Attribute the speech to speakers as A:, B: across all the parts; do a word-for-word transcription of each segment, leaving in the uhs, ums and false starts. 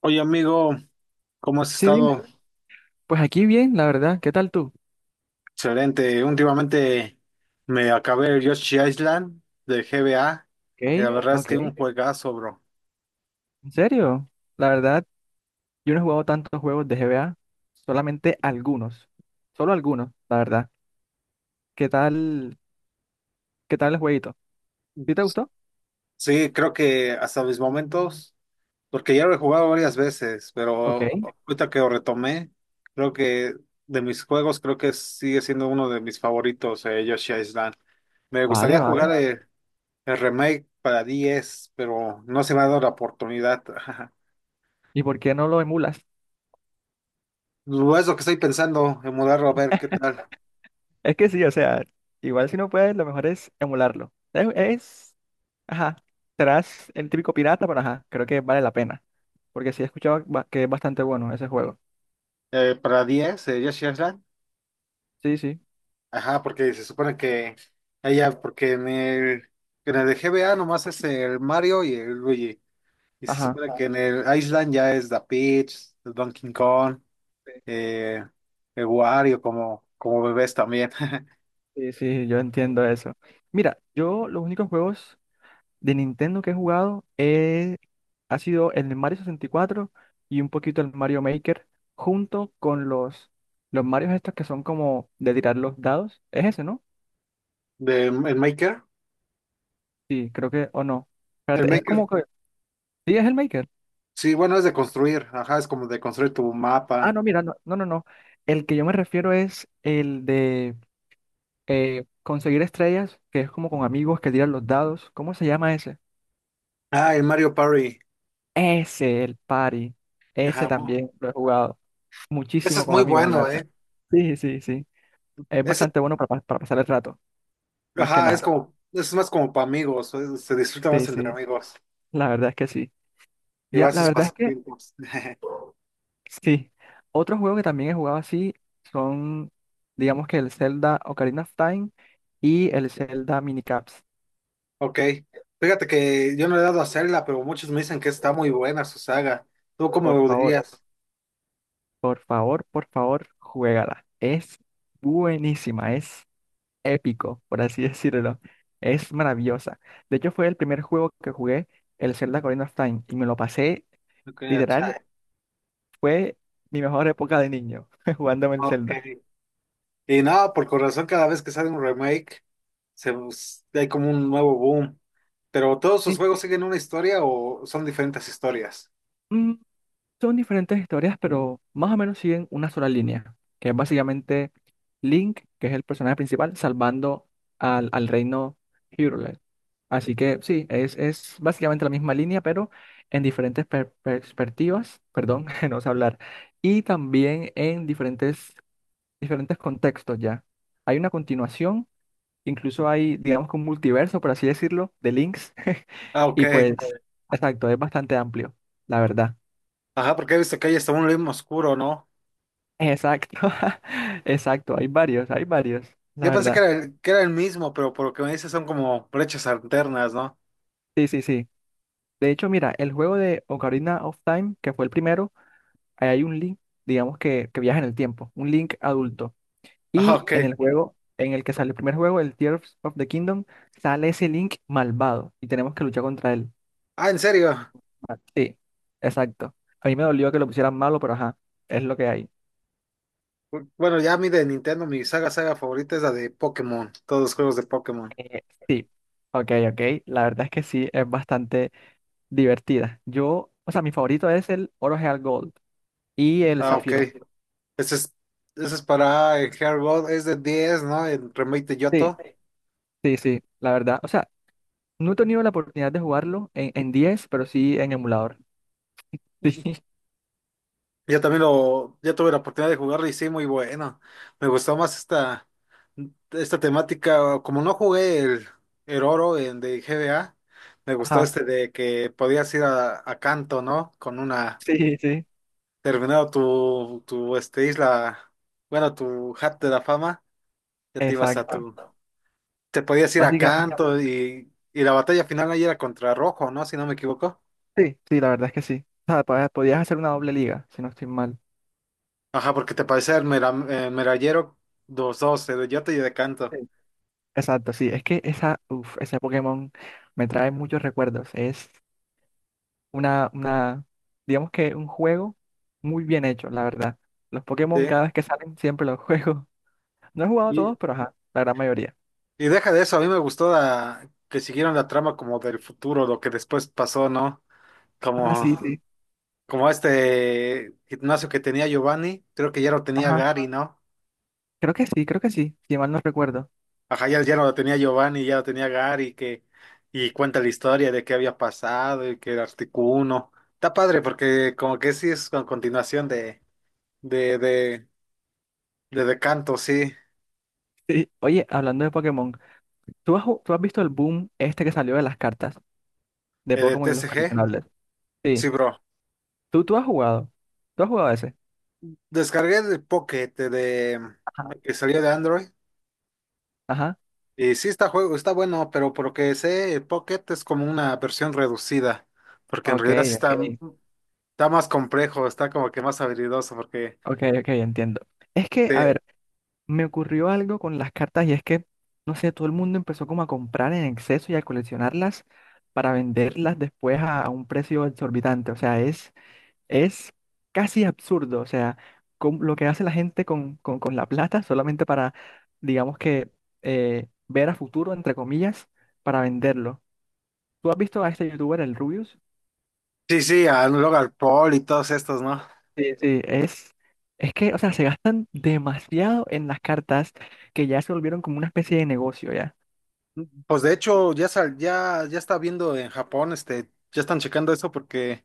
A: Oye, amigo, ¿cómo has
B: Sí, dime.
A: estado?
B: Pues aquí bien, la verdad. ¿Qué tal tú?
A: Excelente. Últimamente me acabé el Yoshi Island de G B A y la
B: Ok,
A: verdad es que
B: ok.
A: un juegazo, bro.
B: ¿En serio? La verdad, yo no he jugado tantos juegos de G B A, solamente algunos. Solo algunos, la verdad. ¿Qué tal, qué tal el jueguito? ¿Sí te gustó?
A: Sí, creo que hasta mis momentos, porque ya lo he jugado varias veces,
B: Ok,
A: pero ahorita que lo retomé, creo que de mis juegos, creo que sigue siendo uno de mis favoritos, eh, Yoshi Island. Me
B: vale,
A: gustaría jugar
B: vale.
A: el, el remake para diez, pero no se me ha dado la oportunidad.
B: ¿Y por qué no lo emulas?
A: Lo es lo que estoy pensando, en mudarlo a ver qué tal.
B: Es que sí, o sea, igual si no puedes, lo mejor es emularlo. Es, es- ajá, serás el típico pirata, pero ajá, creo que vale la pena. Porque sí he escuchado ba- que es bastante bueno ese juego.
A: Eh, para diez eh, Yoshi Island.
B: Sí, sí,
A: Ajá, porque se supone que ella, porque en el, en el de G B A nomás es el Mario y el Luigi. Y se
B: ajá.
A: supone que en el Island ya es The Peach, el Donkey Kong, eh, el Wario como, como bebés también.
B: Sí, sí, yo entiendo eso. Mira, yo los únicos juegos de Nintendo que he jugado eh, ha sido el Mario sesenta y cuatro y cuatro y un poquito el Mario Maker, junto con los, los Marios estos que son como de tirar los dados. ¿Es ese, no?
A: De, el Maker.
B: Sí, creo que, o no.
A: El
B: Espérate, es como
A: Maker.
B: que... Sí, es el Maker.
A: Sí, bueno, es de construir. Ajá, es como de construir tu
B: Ah,
A: mapa.
B: no, mira, no, no, no, no. El que yo me refiero es el de eh, conseguir estrellas, que es como con amigos que tiran los dados. ¿Cómo se llama ese?
A: Ah, el Mario Party.
B: Ese, el party. Ese
A: Ajá.
B: también lo he jugado
A: Ese
B: muchísimo
A: es
B: con
A: muy
B: amigos en
A: bueno,
B: lata.
A: ¿eh?
B: Sí, sí, sí. Es
A: Ese,
B: bastante bueno para, pa- para pasar el rato, más que
A: ajá, es
B: nada.
A: como, es más como para amigos. Es- se disfruta
B: Sí,
A: más entre
B: sí.
A: amigos.
B: La verdad es que sí. Ya,
A: Llevar
B: la
A: sus ya,
B: verdad es que
A: pasatiempos.
B: sí. Otro juego que también he jugado así son, digamos que el Zelda Ocarina of Time y el Zelda Minicaps.
A: Ok. Fíjate que yo no he dado a hacerla, pero muchos me dicen que está muy buena su saga. ¿Tú cómo
B: Por
A: lo
B: favor,
A: dirías?
B: por favor, por favor, juégala. Es buenísima. Es épico, por así decirlo. Es maravillosa. De hecho, fue el primer juego que jugué, el Zelda Ocarina of Time, y me lo pasé,
A: Ok.
B: literal,
A: Chale.
B: fue mi mejor época de niño, jugándome el
A: Ok.
B: Zelda.
A: Y no, por corazón, cada vez que sale un remake, se, bus- hay como un nuevo boom. Pero ¿todos sus
B: Y,
A: juegos siguen una historia o son diferentes historias?
B: mm, son diferentes historias, pero más o menos siguen una sola línea, que es básicamente Link, que es el personaje principal, salvando al, al reino Hyrule. Así que sí, es, es básicamente la misma línea, pero en diferentes per- perspectivas, perdón, no sé hablar, y también en diferentes, diferentes contextos ya. Hay una continuación, incluso hay, digamos que un multiverso, por así decirlo, de links,
A: Ah, ok.
B: y pues, exacto, es bastante amplio, la verdad.
A: Ajá, porque he visto que hay hasta un ritmo oscuro, ¿no?
B: Exacto, exacto, hay varios, hay varios, la
A: Yo pensé que
B: verdad.
A: era el, que era el mismo, pero por lo que me dices son como brechas alternas, ¿no?
B: Sí, sí, sí. De hecho, mira, el juego de Ocarina of Time, que fue el primero, ahí hay un link, digamos que, que viaja en el tiempo, un link adulto.
A: Ah,
B: Y
A: ok.
B: en el juego, en el que sale el primer juego, el Tears of the Kingdom, sale ese link malvado y tenemos que luchar contra él.
A: Ah, ¿en serio?
B: Ah, sí, exacto. A mí me dolió que lo pusieran malo, pero ajá, es lo que hay.
A: Bueno, ya a mí de Nintendo, mi saga saga favorita es la de Pokémon, todos los juegos de Pokémon.
B: Eh, sí, ok, ok. La verdad es que sí, es bastante divertida. Yo, o sea, mi favorito es el Oro Real Gold y el
A: Ah, ok.
B: Zafiro.
A: Ese es, ese es para el Heart Gold, es de diez, ¿no? El Remake de
B: Sí,
A: Yoto.
B: sí, sí, la verdad. O sea, no he tenido la oportunidad de jugarlo en, en diez pero sí en emulador. Sí.
A: Yo también lo, ya tuve la oportunidad de jugarlo y sí, muy bueno. Me gustó más esta, esta temática. Como no jugué el, el oro en, de G B A, me gustó
B: Ajá,
A: este de que podías ir a, a Canto, ¿no? Con una,
B: sí, sí,
A: terminado tu, tu este, isla, bueno, tu hat de la fama, ya te ibas a
B: exacto.
A: tu, te podías ir a
B: Básicamente,
A: canto y, y la batalla final ahí era contra Rojo, ¿no? Si no me equivoco.
B: sí, sí, la verdad es que sí. O sea, podías, podías hacer una doble liga, si no estoy mal.
A: Ajá, porque te parecía el, mera- el merallero dos dos el de Yota y de canto.
B: Sí. Exacto, sí, es que esa, uf, ese Pokémon me trae muchos recuerdos. Es una, una, digamos que un juego muy bien hecho, la verdad. Los Pokémon
A: Sí.
B: cada vez que salen siempre los juego. No he jugado
A: Y,
B: todos, pero ajá, la gran mayoría.
A: y deja de eso, a mí me gustó la- que siguieron la trama como del futuro, lo que después pasó, ¿no?
B: Ah,
A: Como,
B: sí, sí.
A: como este gimnasio que tenía Giovanni, creo que ya lo tenía
B: Ajá,
A: Gary, ¿no?
B: creo que sí, creo que sí, si mal no recuerdo.
A: Ajá, ya, ya no lo tenía Giovanni, ya lo tenía Gary, que, y cuenta la historia de qué había pasado y que era Articuno. Está padre porque como que sí es con continuación de, de, de, de Decanto, sí,
B: Sí. Oye, hablando de Pokémon, ¿tú has, ju- tú has visto el boom este que salió de las cartas de
A: eh, de
B: Pokémon y los
A: T C G.
B: coleccionables?
A: Sí,
B: Sí.
A: bro.
B: ¿Tú, tú has jugado? ¿Tú has jugado ese?
A: Descargué de Pocket eh, de
B: Ajá.
A: que salió de Android.
B: Ajá.
A: Y sí está juego, está bueno, pero por lo que sé, el Pocket es como una versión reducida. Porque en
B: Ok,
A: realidad sí está,
B: ok.
A: está más complejo, está como que más habilidoso, porque
B: Ok, ok, entiendo. Es que, a
A: te-
B: ver, me ocurrió algo con las cartas y es que, no sé, todo el mundo empezó como a comprar en exceso y a coleccionarlas para venderlas después a, a un precio exorbitante. O sea, es, es casi absurdo. O sea, con, lo que hace la gente con, con, con la plata solamente para, digamos que, eh, ver a futuro, entre comillas, para venderlo. ¿Tú has visto a este youtuber, el Rubius?
A: Sí, sí, a Logan Paul y todos estos, ¿no?
B: Sí, sí, es, es que, o sea, se gastan demasiado en las cartas que ya se volvieron como una especie de negocio, ¿ya?
A: Pues de hecho, ya, sal- ya, ya está viendo en Japón, este, ya están checando eso porque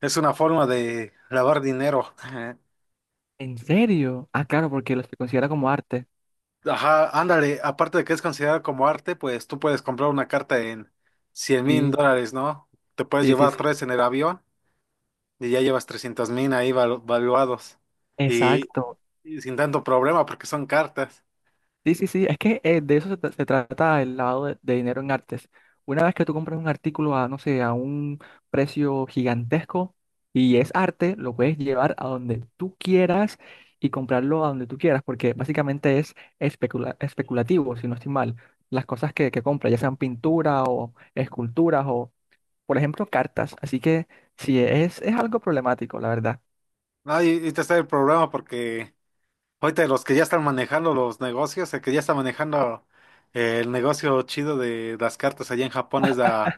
A: es una forma de lavar dinero.
B: ¿En serio? Ah, claro, porque lo se considera como arte.
A: Ajá, ándale, aparte de que es considerado como arte, pues tú puedes comprar una carta en cien mil
B: Sí,
A: dólares, ¿no? Te puedes
B: sí, sí,
A: llevar
B: sí.
A: tres en el avión y ya llevas trescientos mil ahí valu- valuados. Y,
B: Exacto.
A: y sin tanto problema porque son cartas.
B: Sí, sí, sí, es que eh, de eso se, tra- se trata el lavado de, de dinero en artes. Una vez que tú compras un artículo a, no sé, a un precio gigantesco y es arte, lo puedes llevar a donde tú quieras y comprarlo a donde tú quieras, porque básicamente es especula- especulativo, si no estoy mal. Las cosas que, que compras, ya sean pintura o esculturas o, por ejemplo, cartas. Así que sí, es, es algo problemático, la verdad.
A: No, y, y te está el problema porque ahorita los que ya están manejando los negocios, el que ya está manejando eh, el negocio chido de las cartas allá en Japón es la,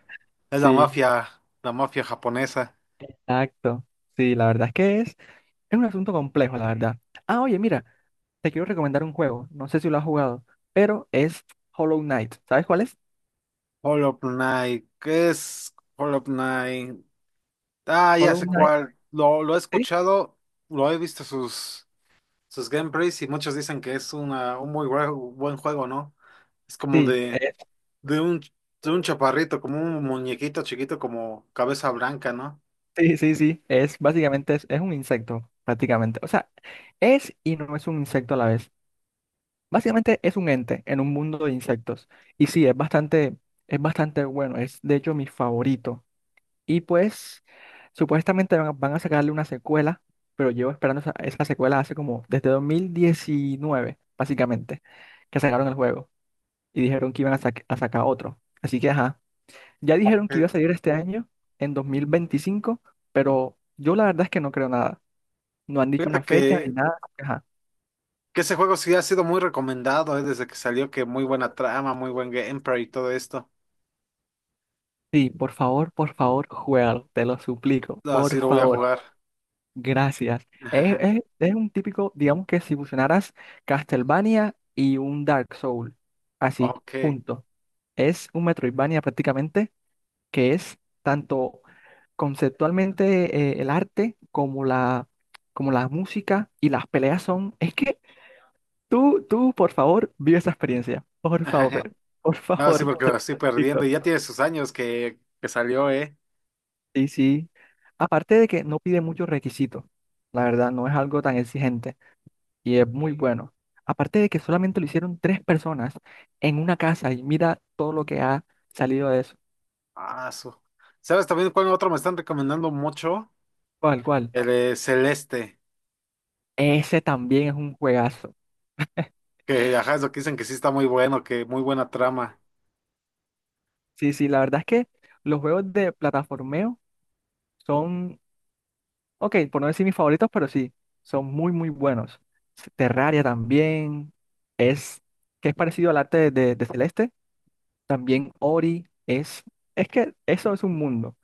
A: es la
B: Sí.
A: mafia, la mafia japonesa.
B: Exacto. Sí, la verdad es que es, es un asunto complejo, la verdad. Ah, oye, mira. Te quiero recomendar un juego, no sé si lo has jugado, pero es Hollow Knight. ¿Sabes cuál es?
A: Hollow Knight, ¿qué es Hollow Knight? Ah, ya
B: Hollow
A: sé
B: Knight,
A: cuál. Lo, lo he
B: sí,
A: escuchado, lo he visto sus, sus gameplays y muchos dicen que es una, un muy buen buen juego, ¿no? Es como
B: sí,
A: de,
B: es-
A: de un, de un chaparrito, como un muñequito chiquito, como cabeza blanca, ¿no?
B: sí, sí, sí. Es básicamente es, es un insecto, prácticamente. O sea, es y no es un insecto a la vez. Básicamente es un ente en un mundo de insectos. Y sí, es bastante, es bastante bueno. Es de hecho mi favorito. Y pues, supuestamente van, a van a sacarle una secuela, pero llevo esperando esa, esa secuela hace como desde dos mil diecinueve, básicamente, que sacaron el juego. Y dijeron que iban a, sac- a sacar otro. Así que, ajá, ya dijeron que iba
A: Eh,
B: a salir este año, en dos mil veinticinco, pero yo la verdad es que no creo nada. No han dicho una
A: fíjate
B: fecha ni
A: que
B: nada. Así que, ajá.
A: Que ese juego sí ha sido muy recomendado, eh, desde que salió, que muy buena trama, muy buen gameplay y todo esto.
B: Sí, por favor, por favor, juégalo, te lo suplico, por
A: Así lo voy a
B: favor,
A: jugar.
B: gracias. Es, es- es un típico, digamos que si fusionaras Castlevania y un Dark Soul, así,
A: Ok.
B: junto. Es un Metroidvania prácticamente que es tanto conceptualmente eh, el arte como la, como la música y las peleas son, es que tú, tú, por favor, vive esa experiencia. Por favor, por
A: No, sí,
B: favor,
A: porque
B: te
A: lo
B: lo
A: estoy perdiendo
B: explico.
A: y ya tiene sus años que, que salió, ¿eh?
B: Sí, sí. Aparte de que no pide muchos requisitos, la verdad, no es algo tan exigente y es muy bueno. Aparte de que solamente lo hicieron tres personas en una casa y mira todo lo que ha salido de eso.
A: Ah, su. ¿Sabes también cuál otro me están recomendando mucho?
B: ¿Cuál, cuál?
A: El de Celeste,
B: Ese también es un juegazo.
A: que ajá, es lo que dicen que sí está muy bueno, que muy buena trama.
B: Sí, sí, la verdad es que los juegos de plataformeo son, ok, por no decir mis favoritos, pero sí, son muy, muy buenos. S- Terraria también es, que es parecido al arte de, de Celeste. También Ori es, es que eso es un mundo,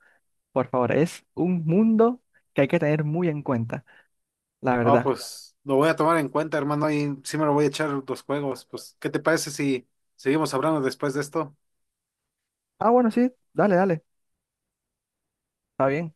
B: por favor, es un mundo que hay que tener muy en cuenta, la
A: Ah,
B: verdad.
A: pues lo voy a tomar en cuenta, hermano, y sí me lo voy a echar los juegos. Pues, ¿qué te parece si seguimos hablando después de esto?
B: Ah, bueno, sí, dale, dale, está bien.